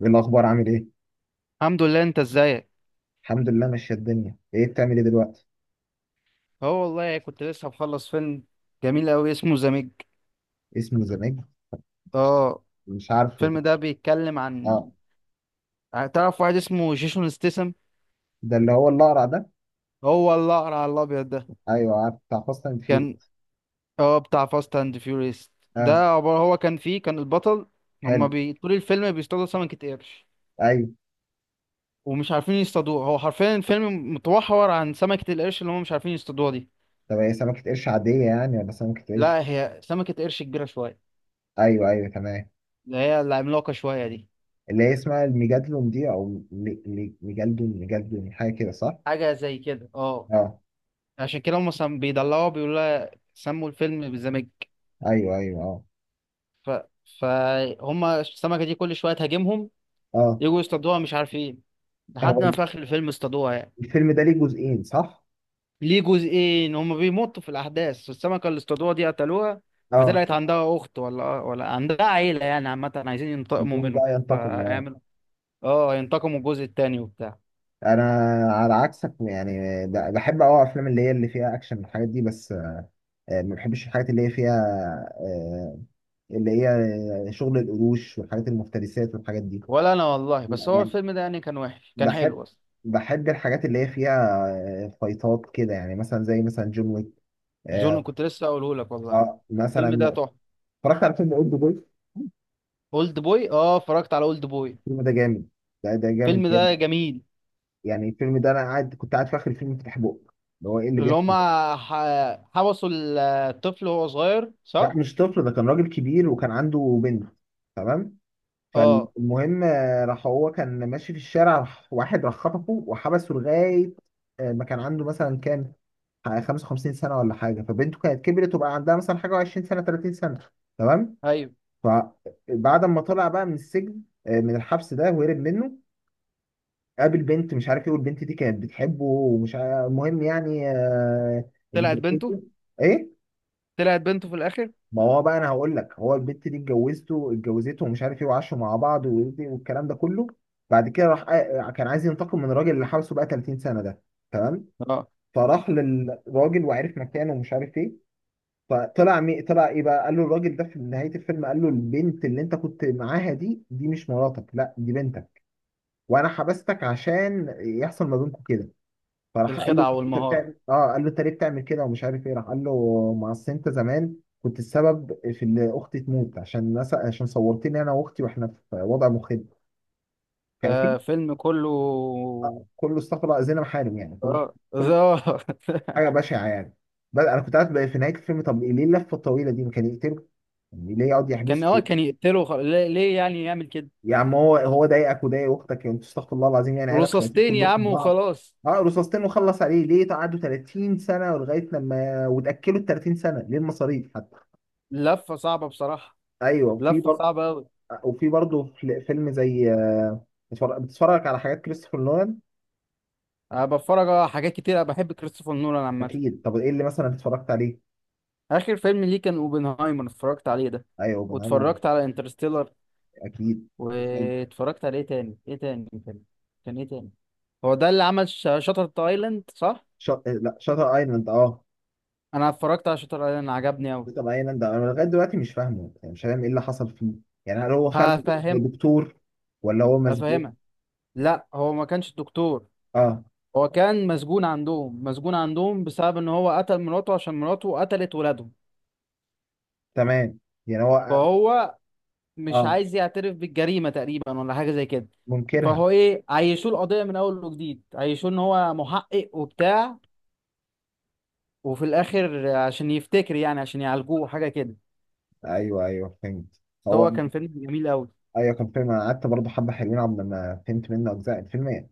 ايه الاخبار، عامل ايه؟ الحمد لله، انت ازيك؟ الحمد لله ماشيه الدنيا. ايه بتعمل ايه دلوقتي؟ اه والله كنت لسه مخلص فيلم جميل قوي، اسمه ذا ميج. اسمه ذا ميج. مش اه. مش عارفه. الفيلم ده بيتكلم عن، اه. تعرف واحد اسمه جيسون ستيسم؟ ده اللي هو الاقرع ده؟ هو الاقرع على الابيض ده. ايوه، عارف بتاع فاست اند فيوري. كان، اه بتاع فاست اند فيوريس. ده اه. عبارة، هو كان فيه، كان البطل. حلو. طول الفيلم بيصطادوا سمكة قرش، ايوه. ومش عارفين يصطادوها. هو حرفيا الفيلم متوحور عن سمكة القرش اللي هما مش عارفين يصطادوها دي. طب هي سمكه قرش عاديه يعني ولا سمكه قرش؟ لا، هي سمكة قرش كبيرة شوية، ايوه ايوه تمام. اللي هي العملاقة شوية دي. اللي هي اسمها الميجادلون دي، او ميجادلون حاجه كده، صح؟ حاجة زي كده، اه. اه. عشان كده بيدلعوا بيقولوا لها، سموا الفيلم بالزمج. ايوه ايوه اه. ف... فهم السمكة دي كل شوية تهاجمهم، اه. يجوا يصطادوها مش عارفين، هو لحد ما في آخر الفيلم اصطادوها يعني. الفيلم ده ليه جزئين، صح؟ ليه جزئين، هم بيمطوا في الأحداث. السمكة اللي اصطادوها دي قتلوها، اه. فطلعت عندها أخت ولا عندها عيلة يعني، عامة عايزين ينتقموا الجزء منهم ده ينتقم، اه. فيعملوا، اه ينتقموا الجزء التاني وبتاع. انا على عكسك يعني، بحب اه افلام اللي هي اللي فيها اكشن والحاجات دي بس. ما بحبش الحاجات اللي هي فيها آه، اللي هي شغل القروش والحاجات المفترسات والحاجات دي. ولا أنا والله، بس هو يعني الفيلم ده يعني كان وحش، كان بحب، حلو أصلا. بحب الحاجات اللي هي فيها فايتات كده، يعني مثلا زي مثلا جون ويك. جون، اه. كنت لسه أقوله لك والله، الفيلم ده مثلا تحفة. اتفرجت على فيلم اولد بوي. اولد بوي، اه اتفرجت على اولد بوي، الفيلم ده جامد، ده جامد الفيلم ده جامد. جميل. يعني الفيلم ده انا قاعد، كنت قاعد في اخر الفيلم فاتح بقى اللي هو ايه اللي اللي بيحصل هما ده. حبسوا الطفل وهو صغير لا صح؟ مش طفل، ده كان راجل كبير وكان عنده بنت. تمام. اه. فالمهم راح، هو كان ماشي في الشارع، راح واحد راح خطفه وحبسه لغاية ما كان عنده مثلا كام، 55 سنة ولا حاجة، فبنته كانت كبرت وبقى عندها مثلا حاجة 20 سنة 30 سنة. تمام. ايوه. فبعد ما طلع بقى من السجن، من الحبس ده وهرب منه، قابل بنت مش عارف ايه، والبنت دي كانت بتحبه ومش عارف، المهم يعني طلعت بنته، اتجوزوا. ايه؟ طلعت بنته في الاخر. ما هو بقى انا هقول لك، هو البت دي اتجوزته، اتجوزته ومش عارف ايه، وعاشوا مع بعض والكلام ده كله. بعد كده راح كان عايز ينتقم من الراجل اللي حبسه بقى 30 سنه ده. تمام. اه. فراح للراجل وعرف مكانه ومش عارف ايه. طلع ايه بقى، قال له الراجل ده في نهايه الفيلم، قال له البنت اللي انت كنت معاها دي، دي مش مراتك، لا دي بنتك، وانا حبستك عشان يحصل ما بينكم كده. فراح قال له الخدعة انت والمهارة. بتعمل اه، قال له انت ليه بتعمل كده ومش عارف ايه، راح قال له ما اصل انت زمان كنت السبب في ان اختي تموت، عشان ناس، عشان صورتني انا واختي واحنا في وضع مخيب. كان في، ده فيلم كله، كله استغفر الله زينا محارم يعني، اه. كل آه. حاجه بشعه يعني. بل انا كنت قاعد بقى في نهايه الفيلم، طب ليه اللفه الطويله دي، ما كان يقتله؟ يعني ليه يقعد كان، اه يحبسه؟ كان يقتله، ليه يعني يعمل كده؟ يا عم هو ضايقك وضايق اختك يعني، انتوا استغفر الله العظيم يعني، عيله شياطين رصاصتين يا كلكم عم بعض. وخلاص. اه رصاصتين وخلص عليه، ليه قعدوا 30 سنه ولغايه لما وتاكلوا ال 30 سنه، ليه المصاريف حتى؟ لفة صعبة بصراحة، ايوه. وفي لفة برضه، صعبة أوي. وفي برضه فيلم زي بتتفرج على حاجات كريستوفر نولان. أنا بتفرج على حاجات كتير، أنا بحب كريستوفر نولان عامة. اكيد. طب ايه اللي مثلا اتفرجت عليه؟ آخر فيلم ليه كان أوبنهايمر، اتفرجت عليه ده، ايوه اوبنهايمر. واتفرجت على انترستيلر، اكيد. واتفرجت على ايه تاني، ايه تاني كان، كان ايه تاني؟ هو ده اللي عمل شاتر ايلاند صح؟ لا شاتر ايلاند، اه. انا اتفرجت على شاتر ايلاند، عجبني قوي. شاتر ايلاند انا لغايه دلوقتي مش فاهمه، يعني مش فاهم ايه اللي حصل فيه، يعني هل هو فعلا هفهم، دكتور ولا هو مسجون؟ هفهمك. لا، هو ما كانش الدكتور، اه. هو كان مسجون عندهم، مسجون عندهم بسبب ان هو قتل مراته، عشان مراته قتلت ولادهم. تمام. يعني هو، فهو مش اه عايز يعترف بالجريمة تقريبا، ولا حاجة زي كده. منكرها. فهو ايه، عيشوه القضية من اول وجديد، عيشوه ان هو محقق وبتاع، وفي الاخر عشان يفتكر يعني، عشان يعالجوه حاجة كده. ايوه ايوه، فهمت. بس هو هو كان فيلم جميل قوي. ايوه، كان فيلم. انا قعدت برضه حبه حلوين، عبد ما فهمت منه اجزاء الفيلم،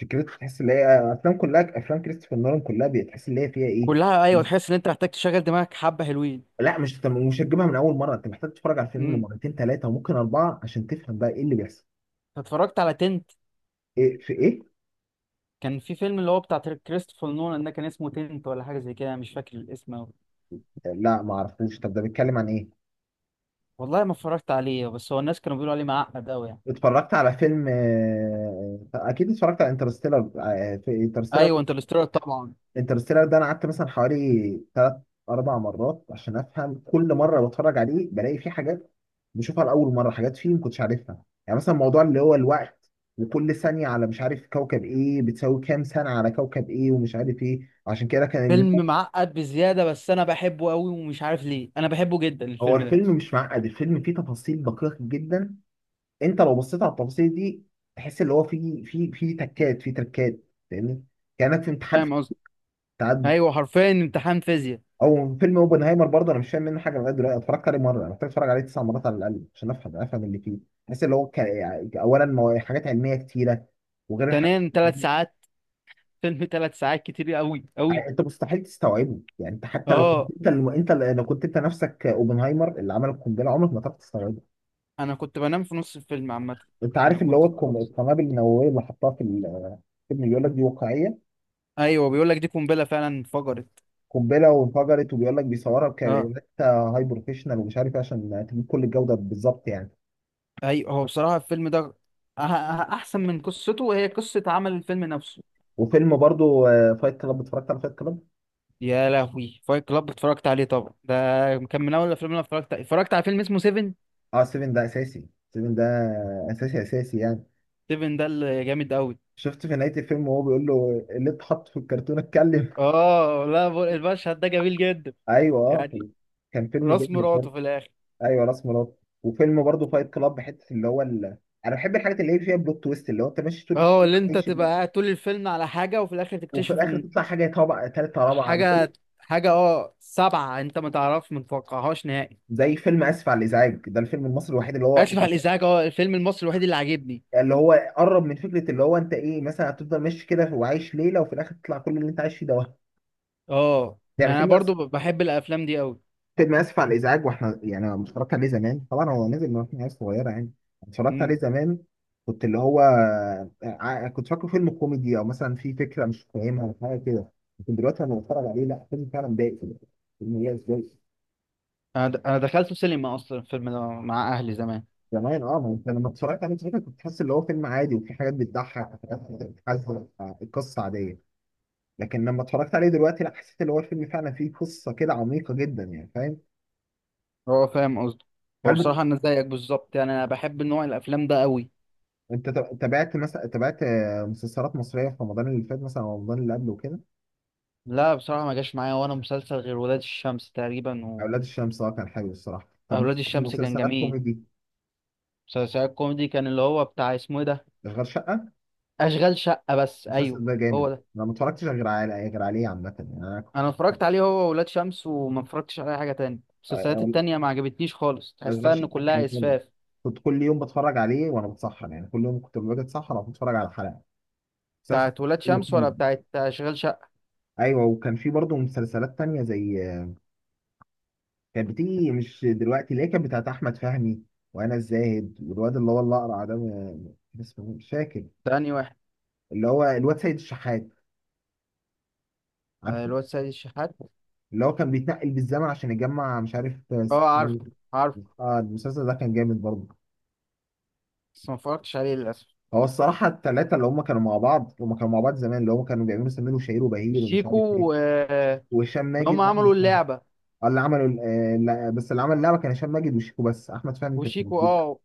فكرته تحس ان هي افلام، كلها افلام كريستوفر نولان كلها بتحس ان هي فيها ايه. كلها ايوه، تحس ان انت محتاج تشغل دماغك، حبه حلوين. لا مش، انت مش هتجيبها من اول مره، انت محتاج تتفرج على الفيلم امم، مرتين ثلاثه وممكن اربعه عشان تفهم بقى ايه اللي بيحصل. اتفرجت على تنت. ايه في ايه؟ كان في فيلم اللي هو بتاع كريستوفر نولان ده، كان اسمه تنت ولا حاجه زي كده، أنا مش فاكر الاسم أوي. لا ما اعرفوش. طب ده بيتكلم عن ايه؟ والله ما اتفرجت عليه، بس هو الناس كانوا بيقولوا عليه معقد قوي يعني. اتفرجت على فيلم اكيد اتفرجت على انترستيلر. في انترستيلر. ايوه انترستيلر طبعا. انترستيلر ده انا قعدت مثلا حوالي ثلاث اربع مرات عشان افهم، كل مره بتفرج عليه بلاقي فيه حاجات بشوفها لاول مره، حاجات فيه ما كنتش عارفها، يعني مثلا موضوع اللي هو الوقت، وكل ثانيه على مش عارف كوكب ايه بتساوي كام سنه على كوكب ايه ومش عارف ايه، عشان كده كان فيلم الموت. معقد بزياده، بس انا بحبه قوي، ومش عارف ليه انا بحبه جدا هو الفيلم ده. الفيلم مش معقد، الفيلم فيه تفاصيل دقيقه جدا، انت لو بصيت على التفاصيل دي تحس اللي هو فيه تكات، فيه تركات. فاهمني؟ كانك في امتحان في فاهم قصدي. التعدد. ايوه حرفيا امتحان فيزياء. او فيلم اوبنهايمر برضه، انا مش فاهم منه حاجه لغايه دلوقتي، اتفرجت عليه مره، انا محتاج اتفرج عليه تسع مرات على الاقل عشان افهم اللي فيه. بحس اللي هو كان يعني اولا حاجات علميه كتيره، وغير الحاجات ثانيا ثلاث ساعات، فيلم ثلاث ساعات كتير قوي قوي. يعني، انت مستحيل تستوعبه، يعني انت حتى لو كنت اه. انت لو كنت انت نفسك اوبنهايمر اللي عمل القنبله، عمرك ما تعرف تستوعبه. انا كنت بنام في نص الفيلم عامه. انت انا عارف اللي هو كنت خلاص. القنابل النوويه اللي حطها في الفيلم بيقول لك دي واقعيه، ايوه بيقول لك دي قنبله فعلا انفجرت. قنبله وانفجرت، وبيقول لك بيصورها اه. بكاميرات هاي بروفيشنال ومش عارف ايه عشان تجيب كل الجوده بالظبط يعني. ايوه، هو بصراحه الفيلم ده، أه- أه- احسن من قصته، وهي قصه عمل الفيلم نفسه. وفيلم برضو فايت كلاب، اتفرجت على فايت كلاب. يا لهوي، فايت كلاب، اتفرجت عليه طبعا ده. كان من اول الافلام اللي أنا اتفرجت على فيلم اسمه سيفن. اه 7 ده اساسي، 7 ده اساسي اساسي يعني. سيفن ده اللي جامد قوي. شفت في نهاية الفيلم وهو بيقول له اللي اتحط في الكرتون اتكلم. اه. لا ب- المشهد ده جميل جدا ايوه اه. يعني. كان فيلم راس جامد برضه. مراته في الاخر. ايوه راس مراد. وفيلم برضو فايت كلاب، حتة اللي هو انا بحب الحاجات اللي هي فيها بلوت تويست، اللي هو انت ماشي طول اه، الفيلم اللي انت عايش تبقى قاعد طول الفيلم على حاجه، وفي الاخر وفي تكتشف الاخر ان، تطلع حاجه طبعا ثالثه رابعه. حاجة حاجة، اه سبعة، انت ما تعرفش ما تتوقعهاش نهائي. زي فيلم اسف على الازعاج، ده الفيلم المصري الوحيد اللي هو اسف على الازعاج، اه الفيلم المصري الوحيد اللي عاجبني. اللي هو قرب من فكره اللي هو انت ايه، مثلا هتفضل ماشي كده وعايش ليله وفي الاخر تطلع كل اللي انت عايش فيه ده. اه، يعني يعني انا فيلم برضو بحب الافلام دي قوي. فيلم اسف على الازعاج، واحنا يعني أنا اتفرجت عليه زمان طبعا، هو نزل من واحنا عيال صغيره يعني. اتفرجت عليه امم، زمان، كنت اللي هو كنت فاكره فيلم كوميدي او مثلا في فكره مش فاهمها او حاجه كده، لكن دلوقتي لما بتفرج عليه لا، فيلم فعلا ضايق، فيلم ياس ضايق. انا دخلته سينما اصلا الفيلم ده مع اهلي زمان. زمان اه، ما انت لما اتفرجت عليه زمان كنت تحس اللي هو فيلم عادي وفي حاجات بتضحك وحاجات بتحزن، القصه عاديه، لكن لما اتفرجت عليه دلوقتي لا، حسيت اللي هو الفيلم فعلا فيه قصه كده عميقه جدا يعني، فاهم؟ هو فاهم قصدي. هو هل بصراحة انا زيك بالظبط، يعني انا بحب نوع الافلام ده قوي. انت تابعت مثلا، تابعت مسلسلات مصريه في رمضان اللي فات، مثلا او رمضان اللي قبله وكده؟ لا بصراحة، ما جاش معايا وانا مسلسل غير ولاد الشمس تقريبا، و، اولاد الشمس اه، كان حلو الصراحه. طب اولاد مثلا الشمس كان مسلسلات جميل. كوميدي، مسلسل كوميدي كان اللي هو بتاع، اسمه ايه ده، غير شقه. اشغال شقة، بس ايوه. المسلسل ده جامد. هو انا ما اتفرجتش غير على غير عليه عامه يعني، انا انا اتفرجت عليه هو وولاد شمس، وما اتفرجتش على اي حاجه تاني، المسلسلات أول- التانية ما عجبتنيش خالص، اشغال تحسها ان شقه كان كلها جامد، اسفاف. كنت كل يوم بتفرج عليه وانا بتسحر يعني، كل يوم كنت باجي اتسحر او بتفرج على حلقه مسلسل. بتاعت ولاد حلو شمس ولا حلو. بتاعت اشغال شقه؟ ايوه وكان في برضه مسلسلات تانية زي، كانت بتيجي مش دلوقتي، اللي هي كانت بتاعت احمد فهمي وانا الزاهد والواد اللي هو الاقرع ده كان اسمه إيه؟ مش فاكر. تاني واحد. اللي هو الواد سيد الشحات، آه، عارفه؟ الواد سيد الشحات. اللي هو كان بيتنقل بالزمن عشان يجمع مش عارف. اه، عارفه، عارفه، اه المسلسل ده كان جامد برضه. بس ما اتفرجتش عليه للاسف. هو الصراحه الثلاثه اللي هم كانوا مع بعض، هم كانوا مع بعض زمان اللي هم كانوا بيعملوا سمير وشهير وبهير ومش عارف ايه، شيكو، آه، وهشام إن هم ماجد عملوا واحمد فهمي. اللعبه. اه اللي عملوا لا، بس اللي عمل اللعبه كان هشام ماجد وشيكو بس، احمد فهمي ما كانش وشيكو، موجود. اه.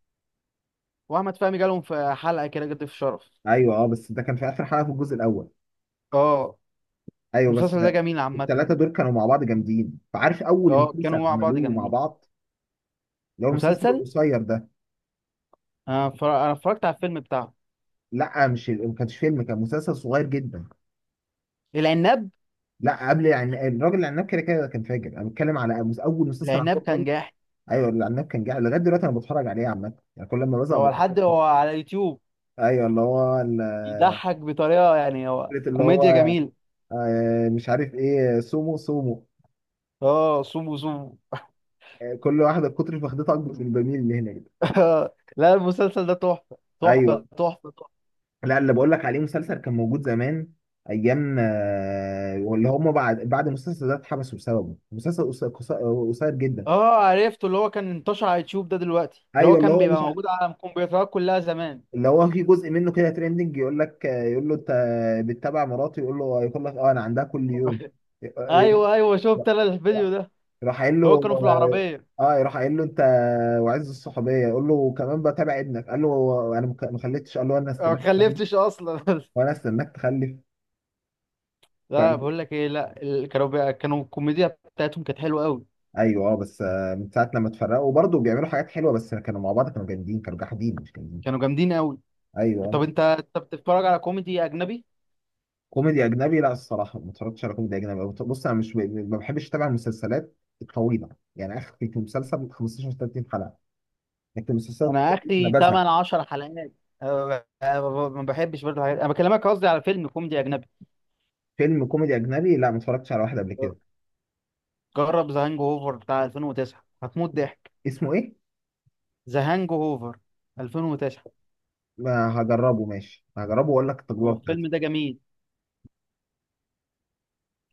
واحمد فهمي جالهم في حلقه كده، جد في شرف. ايوه اه، بس ده كان في اخر حلقه في الجزء الاول. اه. ايوه بس. المسلسل ده جميل عامه. الثلاثه دول كانوا مع بعض جامدين. فعارف اول اه، كانوا مسلسل مع بعض عملوه مع جامدين. بعض، اللي هو المسلسل مسلسل، القصير ده؟ أنا اتفرجت على الفيلم بتاعه، لا مش، ما كانش فيلم، كان مسلسل صغير جدا. العناب. لا قبل يعني الراجل العناب، كده كده كان فاجر، انا بتكلم على اول مسلسل العناب عملوه كان خالص. جاحد. ايوه العناب كان جاي لغايه دلوقتي انا بتفرج عليه عامه يعني، كل ما بزهق هو بتفرج. لحد، هو على يوتيوب ايوه اللي هو يضحك بطريقة يعني، هو فكره اللي هو كوميديا جميل. مش عارف ايه سومو سومو. اه، صوم صوم. كل واحده كتر فخدتها اكبر من البميل اللي هنا. لا، المسلسل ده ايوه. تحفة. لا اللي بقول لك عليه مسلسل كان موجود زمان، ايام واللي هم بعد، بعد المسلسل ده اتحبسوا بسببه. مسلسل قصير جدا. اه، عرفته اللي هو كان انتشر على يوتيوب ده دلوقتي، اللي هو ايوه اللي كان هو بيبقى مش ع- موجود على الكمبيوترات كلها زمان. اللي هو في جزء منه كده تريندنج، يقول لك يقول له انت بتتابع مراتي، يقول له، يقول لك اه انا عندها كل يوم. آه، آه، ايوه ايوه شفت انا الفيديو آه، ده. راح قايل هو له كانوا في العربية. اه، يروح قايل له انت وعز الصحوبيه، يقول له كمان بتابع ابنك، قال له انا ما خليتش، قال له انا أنا ما استناك، خلفتش اصلا. وانا استناك تخلف. لا، بقول لك ايه، لا كانوا كانوا الكوميديا بتاعتهم كانت حلوة قوي. ايوه اه بس من ساعه لما اتفرقوا وبرضه بيعملوا حاجات حلوه، بس كانوا مع بعض كانوا جامدين، كانوا جاحدين مش جامدين. كانوا جامدين قوي. ايوه طب آه. انت، بتتفرج على كوميدي اجنبي؟ كوميدي اجنبي؟ لا الصراحه ما اتفرجتش على كوميدي اجنبي. بص انا مش، ما بحبش اتابع المسلسلات الطويله، يعني اخر في مسلسل 15 30 حلقه، لكن المسلسلات انا الطويلة انا اخري بزهق. 8 10 حلقات. أه، أه، ما بحبش برضه الحاجات، انا بكلمك قصدي على فيلم كوميدي اجنبي. فيلم كوميدي اجنبي لا ما اتفرجتش على واحد قبل كده. جرب ذا هانج اوفر بتاع 2009، هتموت ضحك. اسمه ايه؟ ذا هانج اوفر، 2009. ما هجربه ماشي، هجربه واقول لك هو التجربه الفيلم ده بتاعتي. جميل.